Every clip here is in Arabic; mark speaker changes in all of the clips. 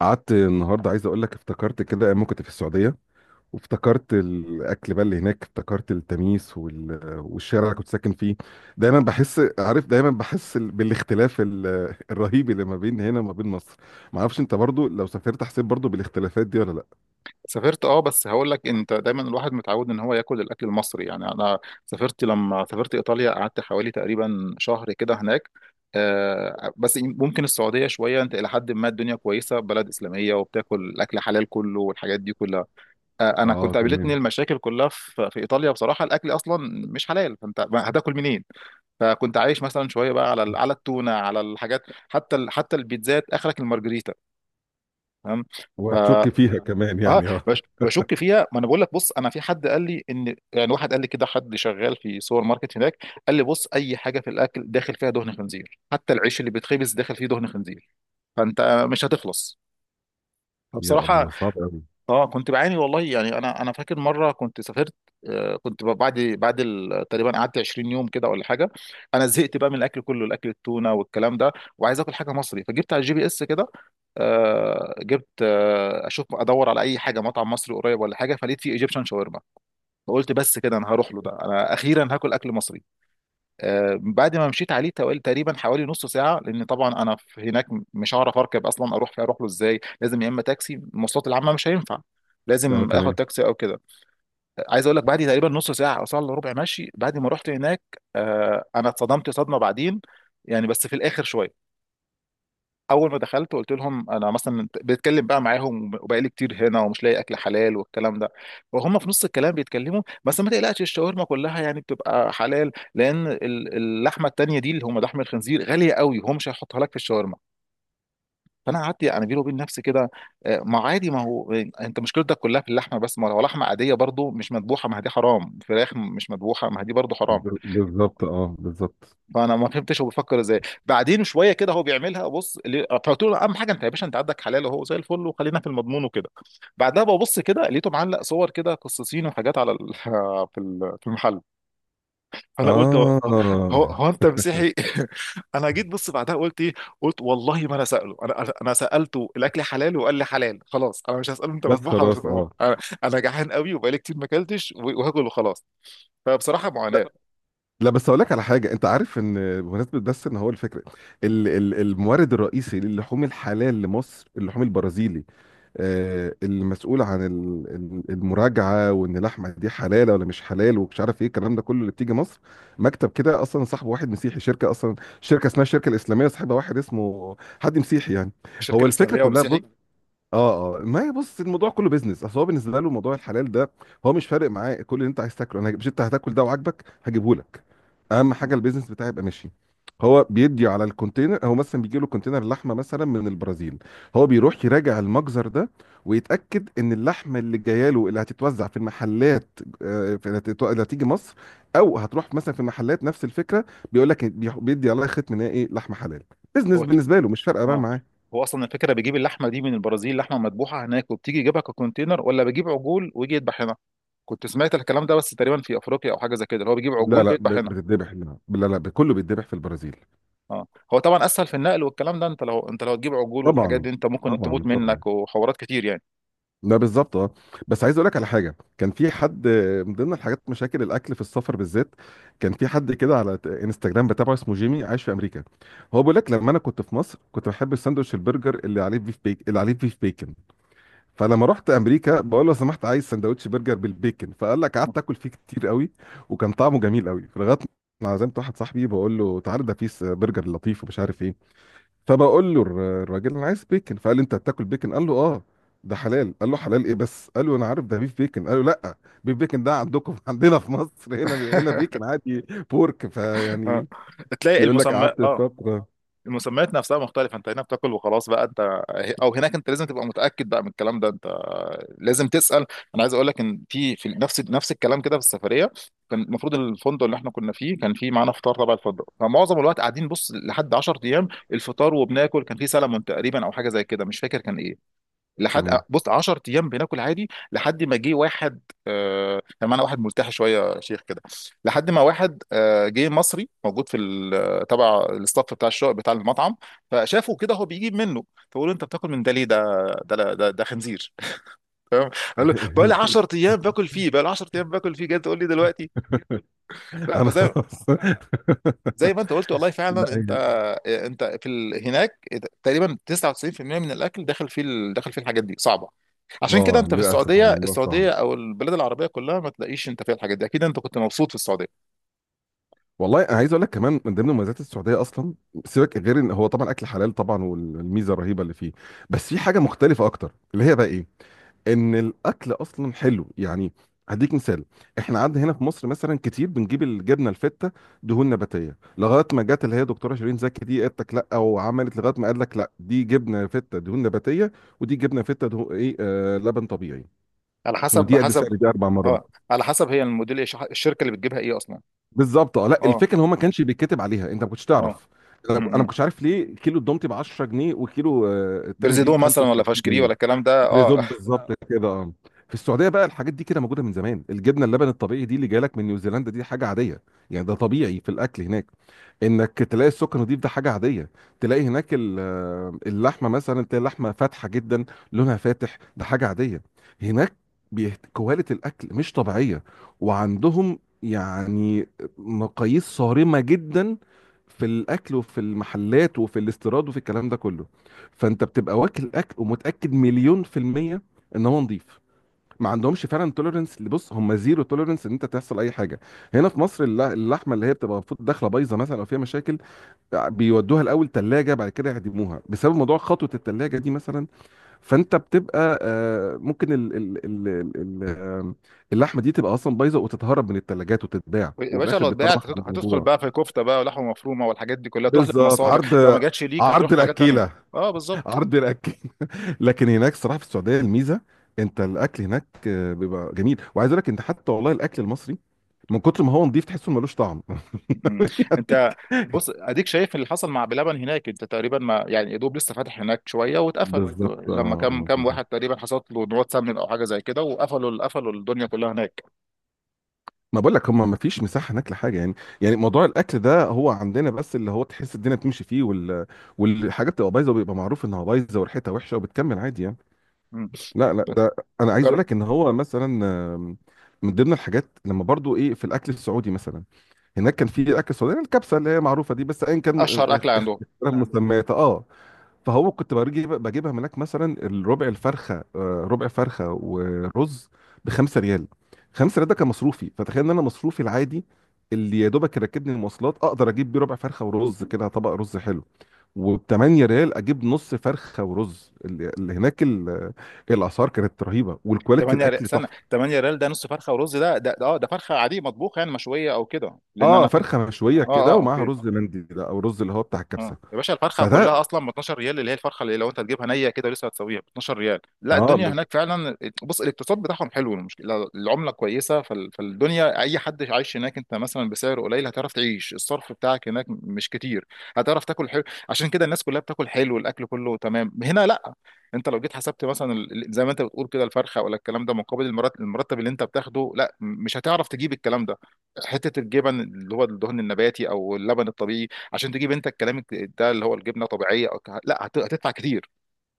Speaker 1: قعدت النهارده، عايز اقول لك افتكرت كده ايام ما كنت في السعوديه. وافتكرت الاكل بقى اللي هناك، افتكرت التميس والشارع اللي كنت ساكن فيه. دايما بحس، عارف، دايما بحس بالاختلاف الرهيب اللي ما بين هنا وما بين مصر. ما اعرفش انت برضو لو سافرت حسيت برضو بالاختلافات دي ولا لا؟
Speaker 2: سافرت، بس هقول لك انت دايما الواحد متعود ان هو ياكل الاكل المصري. يعني انا سافرت، لما سافرت ايطاليا قعدت حوالي تقريبا شهر كده هناك. بس ممكن السعوديه شويه، انت الى حد ما الدنيا كويسه، بلد اسلاميه وبتاكل الاكل حلال كله والحاجات دي كلها. انا
Speaker 1: اه،
Speaker 2: كنت قابلتني
Speaker 1: تمام.
Speaker 2: المشاكل كلها في ايطاليا. بصراحه الاكل اصلا مش حلال، فانت هتاكل منين؟ فكنت عايش مثلا شويه بقى على على التونه، على الحاجات. حتى حتى البيتزات اخرك المارجريتا. تمام. ف
Speaker 1: وهتشك فيها كمان
Speaker 2: اه
Speaker 1: يعني، اه.
Speaker 2: بشك فيها. ما انا بقول لك، بص، انا في حد قال لي ان، يعني واحد قال لي كده، حد شغال في سوبر ماركت هناك، قال لي بص، اي حاجه في الاكل داخل فيها دهن خنزير، حتى العيش اللي بيتخبز داخل فيه دهن خنزير. فانت مش هتخلص.
Speaker 1: يا
Speaker 2: فبصراحه
Speaker 1: الله، صعب قوي.
Speaker 2: اه كنت بعاني والله. يعني انا فاكر مره كنت سافرت، آه، كنت بعد تقريبا قعدت 20 يوم كده ولا حاجه، انا زهقت بقى من الاكل كله، الاكل التونه والكلام ده، وعايز اكل حاجه مصري، فجبت على الجي بي اس كده. آه، جبت، آه، اشوف ادور على اي حاجه مطعم مصري قريب ولا حاجه، فلقيت فيه ايجيبشن شاورما. فقلت بس كده، انا هروح له ده، انا اخيرا هاكل اكل مصري. آه، بعد ما مشيت عليه توالي تقريبا حوالي نص ساعه، لان طبعا انا في هناك مش هعرف اركب اصلا، اروح فيه، اروح له ازاي، لازم يا اما تاكسي، المواصلات العامه مش هينفع،
Speaker 1: اه،
Speaker 2: لازم اخد
Speaker 1: تمام.
Speaker 2: تاكسي او كده. آه، عايز اقول لك، بعد تقريبا نص ساعه او ساعه الا ربع ماشي، بعد ما رحت هناك، آه، انا اتصدمت صدمه بعدين، يعني بس في الاخر شويه. اول ما دخلت قلت لهم انا مثلا، بتكلم بقى معاهم وبقالي كتير هنا ومش لاقي اكل حلال والكلام ده، وهم في نص الكلام بيتكلموا، بس ما تقلقش الشاورما كلها يعني بتبقى حلال، لان اللحمه التانيه دي اللي هم لحم الخنزير غاليه قوي وهم مش هيحطها لك في الشاورما. فانا قعدت يعني بيني وبين نفسي كده، آه، ما عادي، ما هو انت مشكلتك كلها في اللحمه بس، ما لو لحمه عاديه برضو مش مذبوحه ما هي دي حرام، فراخ مش مذبوحه ما هي دي برضو حرام.
Speaker 1: بالظبط، اه، بالظبط.
Speaker 2: فانا ما فهمتش هو بيفكر ازاي. بعدين شويه كده هو بيعملها، بص فقلت له اهم حاجه انت يا باشا انت عندك حلال وهو زي الفل، وخلينا في المضمون وكده. بعدها ببص كده لقيته معلق صور كده قصصين وحاجات على في في المحل. فانا قلت هو هو
Speaker 1: اه،
Speaker 2: هو انت مسيحي؟ انا جيت بص بعدها قلت ايه، قلت والله ما انا ساله، انا انا أنا سالته الاكل حلال وقال لي حلال، خلاص انا مش هساله انت
Speaker 1: بس
Speaker 2: مذبوح ولا مش
Speaker 1: خلاص،
Speaker 2: مذبوح،
Speaker 1: اه.
Speaker 2: انا انا جعان قوي وبقالي كتير ما اكلتش وهاكل وخلاص. فبصراحه
Speaker 1: لا،
Speaker 2: معاناه.
Speaker 1: لا، بس اقول لك على حاجه. انت عارف ان، بمناسبه بس، ان هو الفكره المورد الرئيسي للحوم الحلال لمصر اللحوم البرازيلي. المسؤول عن المراجعه وان اللحمه دي حلال ولا مش حلال، ومش عارف ايه الكلام ده كله، اللي بتيجي مصر. مكتب كده، اصلا صاحب واحد مسيحي، شركه اصلا، شركه اسمها الشركه الاسلاميه، صاحبها واحد اسمه حد مسيحي يعني.
Speaker 2: الشركه
Speaker 1: هو الفكره
Speaker 2: الاسلاميه
Speaker 1: كلها، بص.
Speaker 2: والمسيحي.
Speaker 1: اه، اه، ما هي، بص، الموضوع كله بيزنس. اصل هو بالنسبه له موضوع الحلال ده، هو مش فارق معاه. كل اللي انت عايز تاكله مش، انت هتاكل ده وعاجبك هجيبه لك. اهم حاجه البيزنس بتاعي يبقى ماشي. هو بيدي على الكونتينر، هو مثلا بيجي له كونتينر لحمه مثلا من البرازيل. هو بيروح يراجع المجزر ده، ويتاكد ان اللحمه اللي جايه له اللي هتتوزع في المحلات، اللي هتيجي مصر او هتروح مثلا في محلات، نفس الفكره. بيقول لك، بيدي عليها ختم ان هي ايه، لحمه حلال. بيزنس
Speaker 2: هو
Speaker 1: بالنسبه له، مش فارقه بقى
Speaker 2: اه،
Speaker 1: معاه.
Speaker 2: هو اصلا الفكره بيجيب اللحمه دي من البرازيل، لحمه مذبوحه هناك وبتيجي يجيبها ككونتينر، ولا بيجيب عجول ويجي يذبح هنا؟ كنت سمعت الكلام ده، بس تقريبا في افريقيا او حاجه زي كده اللي هو بيجيب
Speaker 1: لا
Speaker 2: عجول
Speaker 1: لا،
Speaker 2: ويذبح هنا.
Speaker 1: بتتذبح، لا لا لا، كله بيتذبح في البرازيل.
Speaker 2: اه. هو طبعا اسهل في النقل والكلام ده، انت لو، انت لو تجيب عجول والحاجات
Speaker 1: طبعا،
Speaker 2: دي انت ممكن
Speaker 1: طبعا،
Speaker 2: تموت
Speaker 1: طبعا.
Speaker 2: منك وحوارات كتير يعني.
Speaker 1: لا، بالظبط، اه. بس عايز اقول لك على حاجه، كان في حد من ضمن الحاجات مشاكل الاكل في السفر بالذات. كان في حد كده على انستجرام بتابعه، اسمه جيمي، عايش في امريكا. هو بيقول لك: لما انا كنت في مصر كنت بحب الساندوتش البرجر اللي عليه بيف بيكن. فلما رحت امريكا بقول له: لو سمحت عايز ساندوتش برجر بالبيكن. فقال لك قعدت اكل فيه كتير قوي، وكان طعمه جميل قوي، لغايه ما عزمت واحد صاحبي بقول له: تعالى ده في برجر لطيف ومش عارف ايه. فبقول له الراجل: انا عايز بيكن. فقال لي: انت هتاكل بيكن؟ قال له: اه. ده حلال؟ قال له: حلال ايه بس؟ قال له: انا عارف ده بيف بيكن. قال له: لا، بيف بيكن ده عندكم، عندنا في مصر هنا، بيكن عادي. بورك،
Speaker 2: اه،
Speaker 1: فيعني،
Speaker 2: تلاقي
Speaker 1: بيقول لك
Speaker 2: المسمى.
Speaker 1: قعدت
Speaker 2: اه،
Speaker 1: فتره.
Speaker 2: المسميات نفسها مختلفة. انت هنا بتاكل وخلاص بقى انت، او هناك انت لازم تبقى متأكد بقى من الكلام ده، انت لازم تسأل. انا عايز اقول لك ان في، في نفس، نفس الكلام كده في السفرية. كان المفروض الفندق اللي احنا كنا فيه كان فيه معانا فطار تبع الفندق، فمعظم الوقت قاعدين، بص، لحد 10 ايام الفطار وبناكل كان فيه سلمون تقريبا او حاجة زي كده، مش فاكر كان ايه، لحد،
Speaker 1: تمام.
Speaker 2: بص، 10 ايام بناكل عادي لحد ما جه واحد. كان معانا واحد ملتحي شويه يا شيخ كده، لحد ما واحد آه جه مصري، موجود في تبع الاستاف بتاع الشغل بتاع المطعم، فشافه كده هو بيجيب منه، فقول له انت بتاكل من ده ليه؟ ده، ده، ده خنزير. تمام. قال له بقى لي 10 ايام باكل فيه، بقى لي 10 ايام باكل فيه، جاي تقول لي دلوقتي؟ لا،
Speaker 1: انا
Speaker 2: فزي،
Speaker 1: خلاص.
Speaker 2: زي ما انت قلت والله
Speaker 1: لا
Speaker 2: فعلا. انت،
Speaker 1: هي-
Speaker 2: انت في هناك تقريبا 99% من الاكل داخل فيه داخل فيه الحاجات دي، صعبه. عشان كده
Speaker 1: اه،
Speaker 2: انت في
Speaker 1: للاسف
Speaker 2: السعوديه،
Speaker 1: الموضوع صعب.
Speaker 2: السعوديه او البلاد العربيه كلها ما تلاقيش انت فيها الحاجات دي. اكيد انت كنت مبسوط في السعوديه.
Speaker 1: والله انا عايز اقول لك كمان، من ضمن مميزات السعوديه اصلا، سيبك غير ان هو طبعا اكل حلال طبعا، والميزه الرهيبه اللي فيه. بس في حاجه مختلفه اكتر، اللي هي بقى ايه؟ ان الاكل اصلا حلو يعني. هديك مثال: احنا عندنا هنا في مصر مثلا كتير بنجيب الجبنه الفته، دهون نباتيه، لغايه ما جت اللي هي دكتوره شيرين زكي دي، قالت لك لا، وعملت لغايه ما قال لك: لا، دي جبنه فته دهون نباتيه، ودي جبنه فته دهون ايه، آه، لبن طبيعي.
Speaker 2: على حسب،
Speaker 1: ودي قد سعر
Speaker 2: حسب.
Speaker 1: دي 4 مرات.
Speaker 2: اه، على حسب هي الموديل ايه، الشركه اللي بتجيبها ايه اصلا.
Speaker 1: بالظبط، اه. لا،
Speaker 2: اه.
Speaker 1: الفكره ان هو ما كانش بيتكتب عليها، انت ما كنتش
Speaker 2: اه.
Speaker 1: تعرف. انا
Speaker 2: م-
Speaker 1: انا ما
Speaker 2: م.
Speaker 1: كنتش عارف ليه كيلو الدومتي ب 10 جنيه وكيلو التاني دي
Speaker 2: برزيدو
Speaker 1: ب
Speaker 2: مثلا ولا
Speaker 1: 35
Speaker 2: فاشكري
Speaker 1: جنيه
Speaker 2: ولا الكلام ده. اه.
Speaker 1: بريزون، بالظبط كده، اه. في السعوديه بقى الحاجات دي كده موجوده من زمان. الجبنه اللبن الطبيعي دي اللي جايلك من نيوزيلندا، دي حاجه عاديه. يعني ده طبيعي في الاكل هناك. انك تلاقي السكر نضيف، ده حاجه عاديه. تلاقي هناك اللحمه مثلا، تلاقي اللحمه فاتحه جدا، لونها فاتح، ده حاجه عاديه هناك. كواليتي الاكل مش طبيعيه، وعندهم يعني مقاييس صارمه جدا في الاكل وفي المحلات وفي الاستيراد وفي الكلام ده كله. فانت بتبقى واكل اكل ومتاكد مليون في الميه ان هو نظيف. ما عندهمش فعلا توليرنس، اللي بص، هم زيرو توليرنس ان انت تحصل اي حاجه. هنا في مصر اللحمه اللي هي بتبقى المفروض داخله بايظه مثلا او فيها مشاكل، بيودوها الاول ثلاجه، بعد كده يعدموها، بسبب موضوع خطوه الثلاجه دي مثلا. فانت بتبقى ممكن ال ال آه، اللحمه دي تبقى اصلا بايظه وتتهرب من الثلاجات وتتباع،
Speaker 2: يا
Speaker 1: وفي
Speaker 2: باشا
Speaker 1: الاخر
Speaker 2: لو اتباعت
Speaker 1: بتطرح على
Speaker 2: هتدخل
Speaker 1: الموضوع.
Speaker 2: بقى في كفته بقى ولحمه مفرومه والحاجات دي كلها، تروح
Speaker 1: بالظبط،
Speaker 2: للمصانع،
Speaker 1: عرض،
Speaker 2: لو ما جاتش ليك
Speaker 1: عرض
Speaker 2: هتروح لحاجات تانيه.
Speaker 1: الاكيله،
Speaker 2: اه بالظبط.
Speaker 1: عرض الاكل. لكن هناك الصراحه، في السعوديه، الميزه انت الاكل هناك بيبقى جميل. وعايز اقول لك انت، حتى والله الاكل المصري من كتر ما هو نضيف تحسه ملوش طعم.
Speaker 2: مم.
Speaker 1: يعني.
Speaker 2: انت بص اديك شايف اللي حصل مع بلبن هناك، انت تقريبا ما، يعني يا دوب لسه فاتح هناك شويه واتقفل.
Speaker 1: بالظبط، اه،
Speaker 2: لما كم، كم
Speaker 1: بالظبط.
Speaker 2: واحد تقريبا حصلت له نوات سمن او حاجه زي كده، وقفلوا، قفلوا الدنيا كلها هناك.
Speaker 1: ما بقول لك هم ما فيش مساحه هناك لحاجه يعني. يعني موضوع الاكل ده هو عندنا بس اللي هو تحس الدنيا بتمشي فيه والحاجات بتبقى بايظه، وبيبقى معروف انها بايظه وريحتها وحشه وبتكمل عادي يعني.
Speaker 2: مم.
Speaker 1: لا لا، ده انا عايز اقول
Speaker 2: جر-
Speaker 1: لك ان هو مثلا، آم، من ضمن الحاجات لما برضو ايه، في الاكل السعودي مثلا، هناك كان في اكل سعودي الكبسه اللي هي معروفه دي. بس ايا كان
Speaker 2: اشهر اكل عندهم.
Speaker 1: اختلاف مسميات، اه. فهو كنت بجيبها من هناك مثلا، الربع الفرخه، ربع فرخه ورز ب 5 ريال. 5 ريال ده كان مصروفي. فتخيل ان انا مصروفي العادي اللي يا دوبك يركبني المواصلات، اقدر اجيب بيه ربع فرخه ورز، كده طبق رز حلو. وب 8 ريال اجيب نص فرخه ورز. اللي هناك الاسعار كانت رهيبه، والكواليتي
Speaker 2: 8 ريال
Speaker 1: الاكل
Speaker 2: سنه،
Speaker 1: تحفه.
Speaker 2: 8 ريال ده نص فرخه ورز، ده، ده، اه، ده فرخه عاديه مطبوخه يعني مشويه او كده، لان
Speaker 1: اه،
Speaker 2: انا اه،
Speaker 1: فرخه مشويه كده
Speaker 2: اه،
Speaker 1: ومعاها
Speaker 2: اوكي.
Speaker 1: رز مندي ده، او رز اللي هو بتاع
Speaker 2: مم.
Speaker 1: الكبسه.
Speaker 2: يا باشا الفرخه كلها
Speaker 1: فده،
Speaker 2: اصلا ب 12 ريال، اللي هي الفرخه اللي لو انت تجيبها نيه كده لسه هتسويها ب 12 ريال. لا
Speaker 1: اه،
Speaker 2: الدنيا هناك فعلا، بص، الاقتصاد بتاعهم حلو، المشكله العمله كويسه، فالدنيا اي حد عايش هناك انت مثلا بسعر قليل هتعرف تعيش، الصرف بتاعك هناك مش كتير، هتعرف تاكل حلو. عشان كده الناس كلها بتاكل حلو، الاكل كله تمام. هنا لا، انت لو جيت حسبت مثلا زي ما انت بتقول كده الفرخه ولا الكلام ده مقابل المرتب اللي انت بتاخده، لا مش هتعرف تجيب الكلام ده. حته الجبن اللي هو الدهن النباتي او اللبن الطبيعي، عشان تجيب انت الكلام ده اللي هو الجبنه طبيعيه أو لا، هتدفع كتير.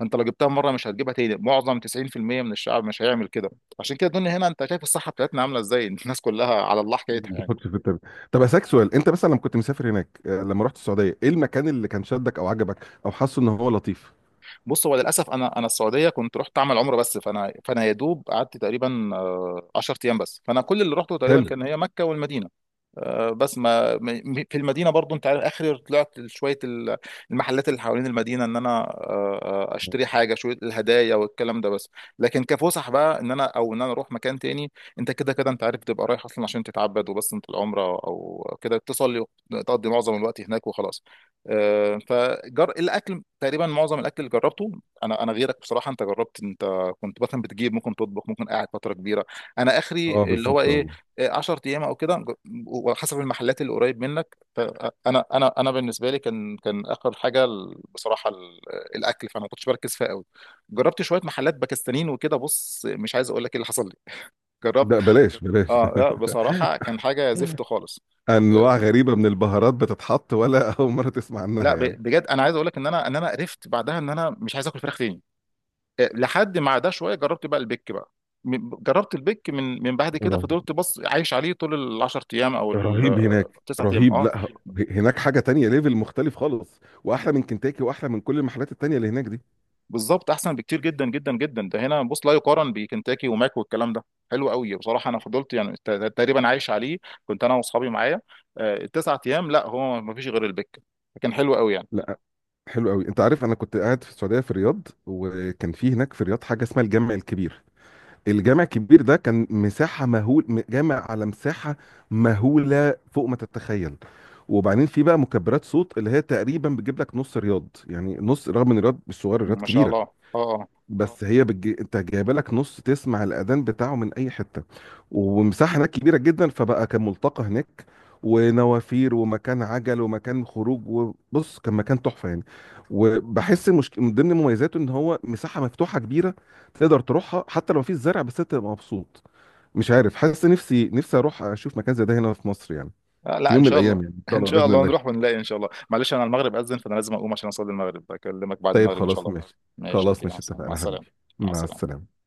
Speaker 2: انت لو جبتها مره مش هتجيبها تاني، معظم 90% من الشعب مش هيعمل كده. عشان كده الدنيا هنا انت شايف الصحه بتاعتنا عامله ازاي، الناس كلها على الله حكايتها يعني.
Speaker 1: بتحط في التابلت. طب اسالك سؤال، انت مثلا لما كنت مسافر هناك، لما رحت السعوديه، ايه المكان اللي كان شدك او عجبك او حاسه ان هو لطيف؟
Speaker 2: بص هو للاسف انا، انا السعوديه كنت رحت اعمل عمره بس، فانا، فانا يا دوب قعدت تقريبا آه، 10 ايام بس، فانا كل اللي رحته تقريبا
Speaker 1: حلو،
Speaker 2: كان هي مكه والمدينه. آه، بس ما، في المدينه برضو انت عارف اخر، طلعت شويه المحلات اللي حوالين المدينه، ان انا آه، آه، اشتري حاجه شويه الهدايا والكلام ده بس. لكن كفسح بقى ان انا، او ان انا اروح مكان تاني، انت كده كده انت عارف بتبقى رايح اصلا عشان تتعبد وبس، انت العمره او كده تصلي وتقضي معظم الوقت هناك وخلاص. آه، فجر الاكل، تقريبا معظم الاكل اللي جربته. انا غيرك بصراحه، انت جربت انت كنت مثلا بتجيب، ممكن تطبخ، ممكن قاعد فتره كبيره، انا اخري
Speaker 1: اه،
Speaker 2: اللي هو
Speaker 1: بالظبط،
Speaker 2: ايه،
Speaker 1: اه.
Speaker 2: 10 ايام او كده، وحسب المحلات اللي قريب منك. فانا، انا بالنسبه لي كان، كان اخر حاجه بصراحه الاكل فانا ما كنتش بركز فيها قوي. جربت شويه محلات باكستانيين وكده، بص مش عايز اقول لك ايه اللي حصل لي. جربت،
Speaker 1: ده بلاش بلاش.
Speaker 2: اه لا بصراحه كان حاجه زفت خالص.
Speaker 1: انواع
Speaker 2: آه،
Speaker 1: غريبه من البهارات بتتحط، ولا اول مره تسمع عنها
Speaker 2: لا،
Speaker 1: يعني؟
Speaker 2: بجد انا عايز اقول لك ان انا، ان انا قرفت بعدها ان انا مش عايز اكل فراخ تاني. آه، لحد ما عدا شويه جربت بقى البيك بقى. جربت البيك من، من بعد كده
Speaker 1: رهيب،
Speaker 2: فضلت بص عايش عليه طول ال 10 ايام او ال
Speaker 1: رهيب هناك،
Speaker 2: 9 ايام.
Speaker 1: رهيب.
Speaker 2: اه
Speaker 1: لا ه- هناك حاجه تانية، ليفل مختلف خالص، واحلى من كنتاكي واحلى من كل المحلات التانية اللي هناك دي.
Speaker 2: بالظبط احسن بكتير جدا جدا جدا. ده هنا بص لا يقارن بكنتاكي وماك والكلام ده. حلو قوي بصراحه انا فضلت يعني تقريبا عايش عليه، كنت انا واصحابي معايا. آه، التسعة ايام لا هو ما فيش غير البك، كان حلو قوي يعني.
Speaker 1: لا، حلو قوي. انت عارف، انا كنت قاعد في السعوديه في الرياض، وكان في هناك في الرياض حاجه اسمها الجامع الكبير. الجامع الكبير ده كان مساحة مهول، جامع على مساحة مهولة فوق ما تتخيل. وبعدين في بقى مكبرات صوت اللي هي تقريبا بتجيب لك نص رياض، يعني نص، رغم ان رياض مش صغير، رياض
Speaker 2: ما شاء
Speaker 1: كبيرة.
Speaker 2: الله. اه اه.
Speaker 1: بس هي انت جايبه لك نص، تسمع الاذان بتاعه من اي حته. ومساحه هناك كبيره جدا، فبقى كان ملتقى هناك، ونوافير، ومكان عجل، ومكان خروج. وبص كان مكان تحفه يعني. وبحس مش... من ضمن مميزاته ان هو مساحه مفتوحه كبيره، تقدر تروحها حتى لو مفيش زرع، بس انت تبقى مبسوط. مش عارف، حاسس نفسي اروح اشوف مكان زي ده هنا في مصر يعني،
Speaker 2: آه،
Speaker 1: في
Speaker 2: لا ان
Speaker 1: يوم من
Speaker 2: شاء الله.
Speaker 1: الايام، يعني ان شاء
Speaker 2: ان
Speaker 1: الله
Speaker 2: شاء
Speaker 1: باذن
Speaker 2: الله نروح
Speaker 1: الله.
Speaker 2: ونلاقي ان شاء الله. معلش انا المغرب اذن فانا لازم اقوم عشان اصلي المغرب، اكلمك بعد
Speaker 1: طيب،
Speaker 2: المغرب ان شاء
Speaker 1: خلاص
Speaker 2: الله.
Speaker 1: ماشي.
Speaker 2: ماشي اوكي،
Speaker 1: خلاص ماشي،
Speaker 2: مع
Speaker 1: اتفقنا
Speaker 2: السلامه.
Speaker 1: حبيبي.
Speaker 2: مع
Speaker 1: مع
Speaker 2: السلامه.
Speaker 1: السلامه.